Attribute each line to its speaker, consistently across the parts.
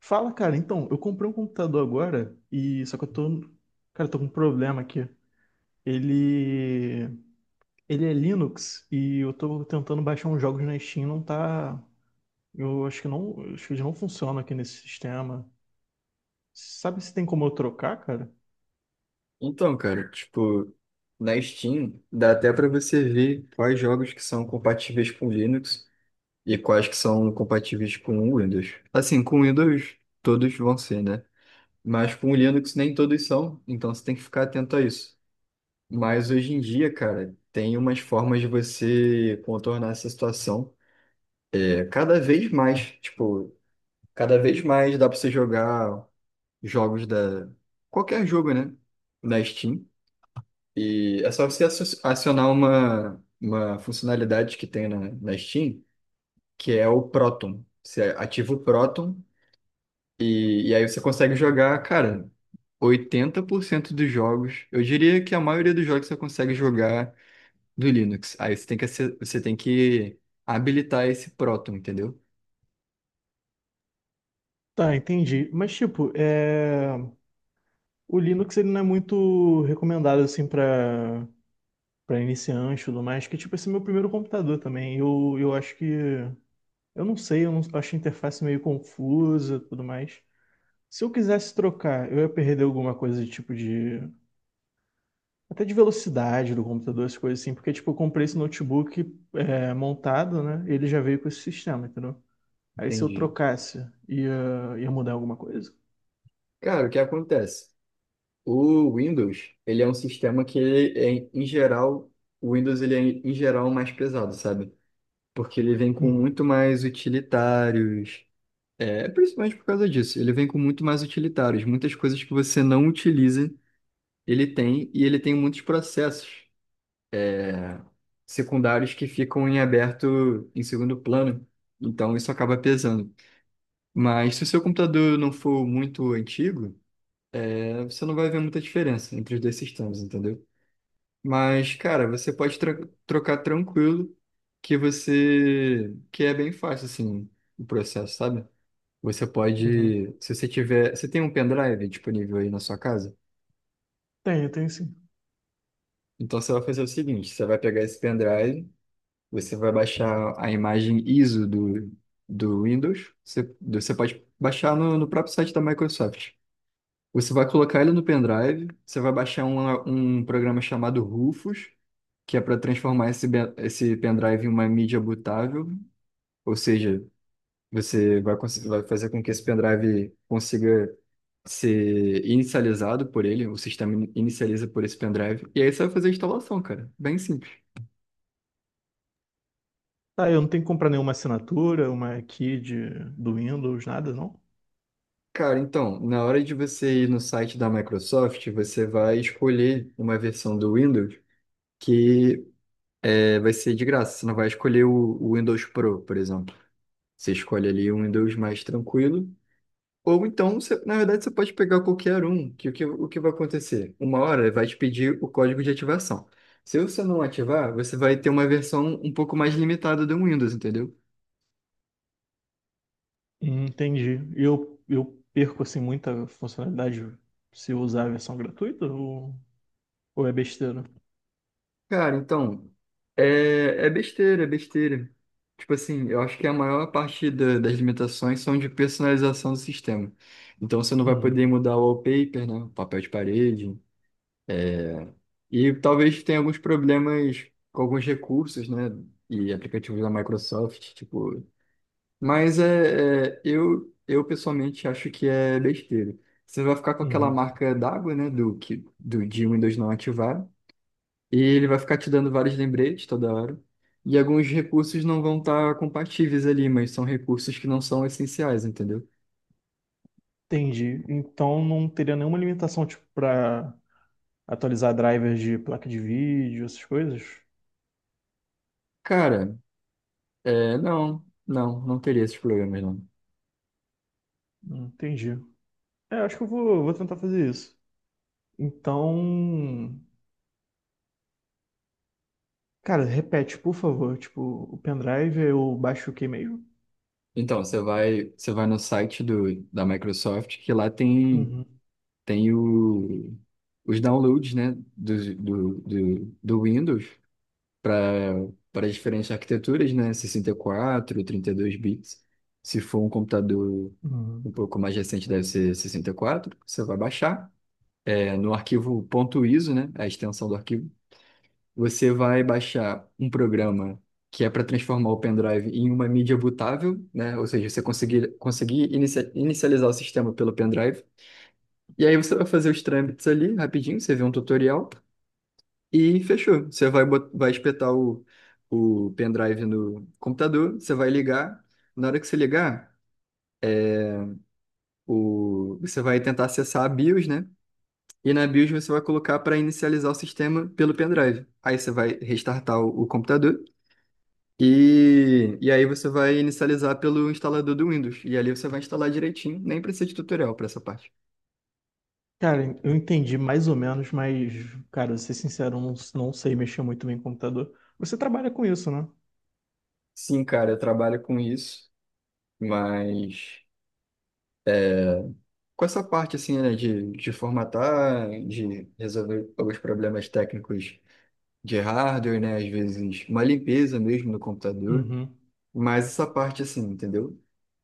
Speaker 1: Fala, cara. Então, eu comprei um computador agora e só que eu tô, cara, eu tô com um problema aqui. Ele, ele é Linux e eu tô tentando baixar uns jogos na Steam, não tá, eu acho que não, acho que eles não funcionam aqui nesse sistema. Sabe se tem como eu trocar, cara?
Speaker 2: Então, cara, tipo, na Steam dá até pra você ver quais jogos que são compatíveis com Linux e quais que são compatíveis com Windows. Assim, com Windows todos vão ser, né? Mas com Linux nem todos são, então você tem que ficar atento a isso. Mas hoje em dia, cara, tem umas formas de você contornar essa situação. Tipo, cada vez mais dá pra você jogar jogos da qualquer jogo, né? Na Steam. E é só você acionar uma funcionalidade que tem na Steam, que é o Proton. Você ativa o Proton e aí você consegue jogar, cara, 80% dos jogos. Eu diria que a maioria dos jogos você consegue jogar do Linux. Aí você tem que, você tem que habilitar esse Proton, entendeu?
Speaker 1: Tá, entendi. Mas tipo, é, o Linux ele não é muito recomendado assim para iniciante e tudo mais, que tipo, esse é meu primeiro computador também. Eu acho que eu não sei, eu não, eu achei a interface meio confusa e tudo mais. Se eu quisesse trocar, eu ia perder alguma coisa de tipo de. Até de velocidade do computador, essas coisas assim, porque tipo, eu comprei esse notebook é, montado, né? E ele já veio com esse sistema, entendeu? Aí se eu
Speaker 2: Entendi.
Speaker 1: trocasse, ia, ia mudar alguma coisa?
Speaker 2: Cara, o que acontece? O Windows, ele é um sistema que, ele é, em geral, O Windows ele é, em geral, mais pesado, sabe? Porque ele vem com
Speaker 1: Uhum,
Speaker 2: muito mais utilitários. É, principalmente por causa disso. Ele vem com muito mais utilitários. Muitas coisas que você não utiliza, ele tem, e ele tem muitos processos é, secundários que ficam em aberto em segundo plano. Então isso acaba pesando. Mas se o seu computador não for muito antigo, é, você não vai ver muita diferença entre os dois sistemas, entendeu? Mas, cara, você pode trocar tranquilo, que você que é bem fácil assim o processo, sabe? Você
Speaker 1: uhum.
Speaker 2: pode, se você tiver, você tem um pendrive disponível aí na sua casa?
Speaker 1: Tenho, tenho sim.
Speaker 2: Então você vai fazer o seguinte, você vai pegar esse pendrive, você vai baixar a imagem ISO do Windows, você pode baixar no próprio site da Microsoft. Você vai colocar ele no pendrive, você vai baixar um programa chamado Rufus, que é para transformar esse pendrive em uma mídia bootável, ou seja, você vai, vai fazer com que esse pendrive consiga ser inicializado por ele, o sistema inicializa por esse pendrive, e aí você vai fazer a instalação, cara. Bem simples.
Speaker 1: Tá, eu não tenho que comprar nenhuma assinatura, uma key de, do Windows, nada, não?
Speaker 2: Cara, então, na hora de você ir no site da Microsoft, você vai escolher uma versão do Windows que vai ser de graça. Você não vai escolher o Windows Pro, por exemplo. Você escolhe ali o Windows mais tranquilo. Ou então, você- na verdade, você pode pegar qualquer um, que o que o que vai acontecer? Uma hora ele vai te pedir o código de ativação. Se você não ativar, você vai ter uma versão um pouco mais limitada do Windows, entendeu?
Speaker 1: Entendi. E eu perco assim muita funcionalidade se eu usar a versão gratuita? Ou... ou é besteira?
Speaker 2: Cara, então, é besteira, é besteira. Tipo assim, eu acho que a maior parte das limitações são de personalização do sistema. Então, você não vai poder
Speaker 1: Uhum.
Speaker 2: mudar o wallpaper, né? O papel de parede. É, e talvez tenha alguns problemas com alguns recursos, né? E aplicativos da Microsoft, tipo. Mas eu pessoalmente acho que é besteira. Você vai ficar com aquela
Speaker 1: Uhum.
Speaker 2: marca d'água, né? Do que, do de Windows não ativar. E ele vai ficar te dando vários lembretes toda hora. E alguns recursos não vão estar compatíveis ali, mas são recursos que não são essenciais, entendeu?
Speaker 1: Entendi. Então não teria nenhuma limitação tipo para atualizar drivers de placa de vídeo, essas coisas?
Speaker 2: Cara, não teria esses problemas, não.
Speaker 1: Entendi. É, acho que eu vou tentar fazer isso. Então, cara, repete, por favor. Tipo, o pendrive eu baixo o que mesmo?
Speaker 2: Então, você vai você vai no site da Microsoft, que lá tem,
Speaker 1: Uhum.
Speaker 2: tem o, os downloads, né, do Windows para para as diferentes arquiteturas, né, 64, 32 bits. Se for um computador um
Speaker 1: Uhum.
Speaker 2: pouco mais recente, deve ser 64, você vai baixar. É, no arquivo .iso, né, a extensão do arquivo, você vai baixar um programa que é para transformar o pendrive em uma mídia bootável, né? Ou seja, você conseguir, inicializar o sistema pelo pendrive. E aí você vai fazer os trâmites ali rapidinho, você vê um tutorial e fechou. Você vai, vai espetar o pendrive no computador, você vai ligar. Na hora que você ligar, o, você vai tentar acessar a BIOS, né? E na BIOS você vai colocar para inicializar o sistema pelo pendrive. Aí você vai restartar o computador. E aí você vai inicializar pelo instalador do Windows. E ali você vai instalar direitinho, nem precisa de tutorial para essa parte.
Speaker 1: Cara, eu entendi mais ou menos, mas, cara, vou ser sincero, eu não, não sei mexer muito bem em computador. Você trabalha com isso, né?
Speaker 2: Sim, cara, eu trabalho com isso, mas com essa parte assim, né, de formatar, de resolver alguns problemas técnicos de hardware, né, às vezes uma limpeza mesmo no computador,
Speaker 1: Uhum.
Speaker 2: mas essa parte assim, entendeu?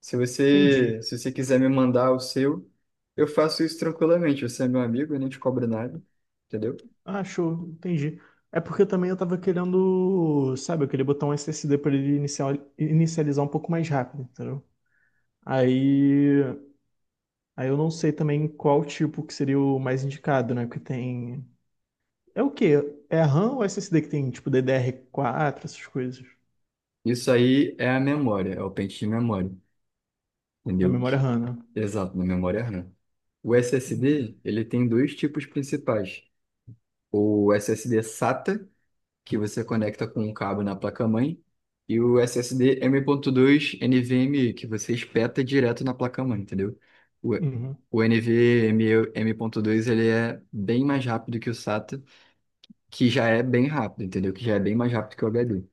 Speaker 2: Se você,
Speaker 1: Entendi.
Speaker 2: se você quiser me mandar o seu, eu faço isso tranquilamente. Você é meu amigo, eu não te cobro nada, entendeu?
Speaker 1: Ah, show, entendi. É porque também eu tava querendo, sabe, eu queria botar um SSD pra ele inicializar um pouco mais rápido, entendeu? Aí, aí eu não sei também qual tipo que seria o mais indicado, né? Porque tem. É o quê? É a RAM ou SSD que tem, tipo, DDR4, essas coisas?
Speaker 2: Isso aí é a memória, é o pente de memória,
Speaker 1: Da
Speaker 2: entendeu?
Speaker 1: memória
Speaker 2: Que...
Speaker 1: RAM, né?
Speaker 2: Exato, na memória RAM. O
Speaker 1: Entendi.
Speaker 2: SSD, ele tem dois tipos principais. O SSD SATA, que você conecta com um cabo na placa-mãe, e o SSD M.2 NVMe, que você espeta direto na placa-mãe, entendeu? O
Speaker 1: Uhum,
Speaker 2: o NVMe M.2, ele é bem mais rápido que o SATA, que já é bem rápido, entendeu? Que já é bem mais rápido que o HD.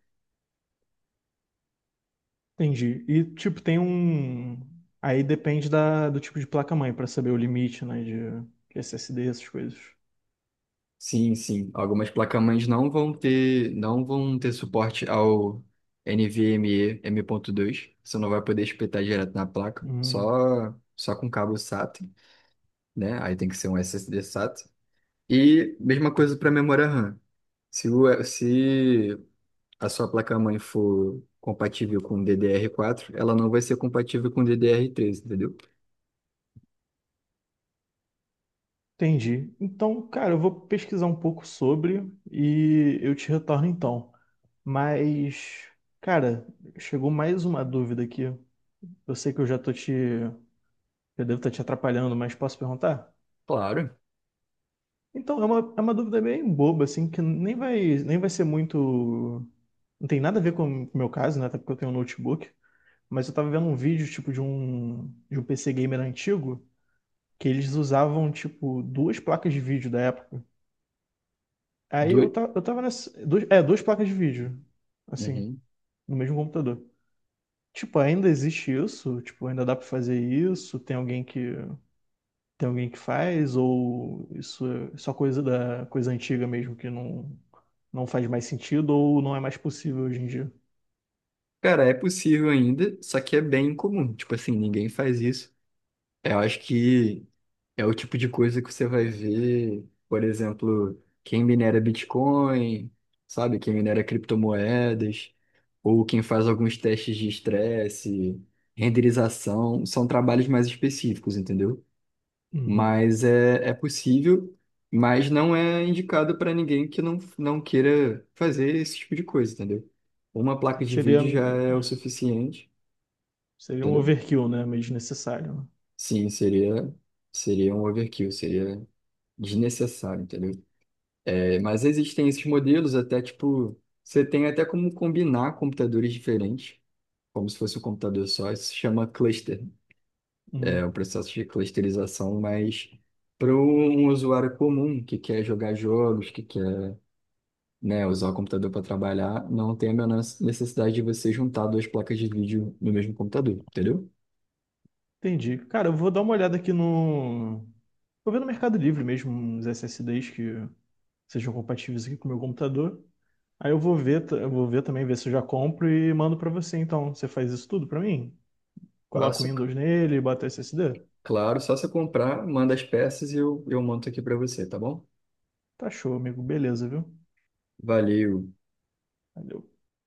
Speaker 1: entendi. E, tipo, tem um. Aí depende da, do tipo de placa-mãe pra saber o limite, né? De SSD, essas coisas.
Speaker 2: Sim, sim. Algumas placas mães não vão ter, não vão ter suporte ao NVMe M.2. Você não vai poder espetar direto na placa,
Speaker 1: Uhum.
Speaker 2: só com cabo SATA, né? Aí tem que ser um SSD SATA. E mesma coisa para memória RAM. Se, o, se a sua placa-mãe for compatível com DDR4, ela não vai ser compatível com DDR3, entendeu?
Speaker 1: Entendi. Então, cara, eu vou pesquisar um pouco sobre e eu te retorno então. Mas, cara, chegou mais uma dúvida aqui. Eu sei que eu já tô te, eu devo estar te atrapalhando, mas posso perguntar?
Speaker 2: Claro.
Speaker 1: Então, é é uma dúvida bem boba, assim, que nem vai ser muito. Não tem nada a ver com o meu caso, né? Até porque eu tenho um notebook. Mas eu tava vendo um vídeo, tipo, de um PC gamer antigo, que eles usavam, tipo, duas placas de vídeo da época. Aí
Speaker 2: Do...
Speaker 1: eu, eu tava nessa. Duas, é, duas placas de vídeo, assim,
Speaker 2: Uhum.
Speaker 1: no mesmo computador. Tipo, ainda existe isso? Tipo, ainda dá pra fazer isso? Tem alguém que. Tem alguém que faz? Ou isso é só coisa da coisa antiga mesmo que não, não faz mais sentido ou não é mais possível hoje em dia?
Speaker 2: Cara, é possível ainda, só que é bem incomum. Tipo assim, ninguém faz isso. Eu acho que é o tipo de coisa que você vai ver, por exemplo, quem minera Bitcoin, sabe? Quem minera criptomoedas, ou quem faz alguns testes de estresse, renderização, são trabalhos mais específicos, entendeu?
Speaker 1: Uhum.
Speaker 2: Mas é, é possível, mas não é indicado para ninguém que não, não queira fazer esse tipo de coisa, entendeu? Uma placa de
Speaker 1: Seria,
Speaker 2: vídeo já é o suficiente,
Speaker 1: seria um
Speaker 2: entendeu?
Speaker 1: overkill, né? Meio desnecessário. Né?
Speaker 2: Sim, seria um overkill, seria. Desnecessário, entendeu? É, mas existem esses modelos até, tipo, você tem até como combinar computadores diferentes, como se fosse um computador só, isso se chama cluster, né? É
Speaker 1: Uhum.
Speaker 2: um processo de clusterização, mas para um usuário comum que quer jogar jogos, que quer, né, usar o computador para trabalhar, não tem a menor necessidade de você juntar duas placas de vídeo no mesmo computador, entendeu?
Speaker 1: Entendi. Cara, eu vou dar uma olhada aqui no. Vou ver no Mercado Livre mesmo uns SSDs que sejam compatíveis aqui com o meu computador. Aí eu vou ver, eu vou ver também, ver se eu já compro e mando pra você. Então, você faz isso tudo pra mim? Coloca o
Speaker 2: Fácil,
Speaker 1: Windows nele, e bota o SSD?
Speaker 2: claro, só você comprar, manda as peças e eu monto aqui para você, tá bom?
Speaker 1: Tá show, amigo. Beleza, viu?
Speaker 2: Valeu.
Speaker 1: Valeu.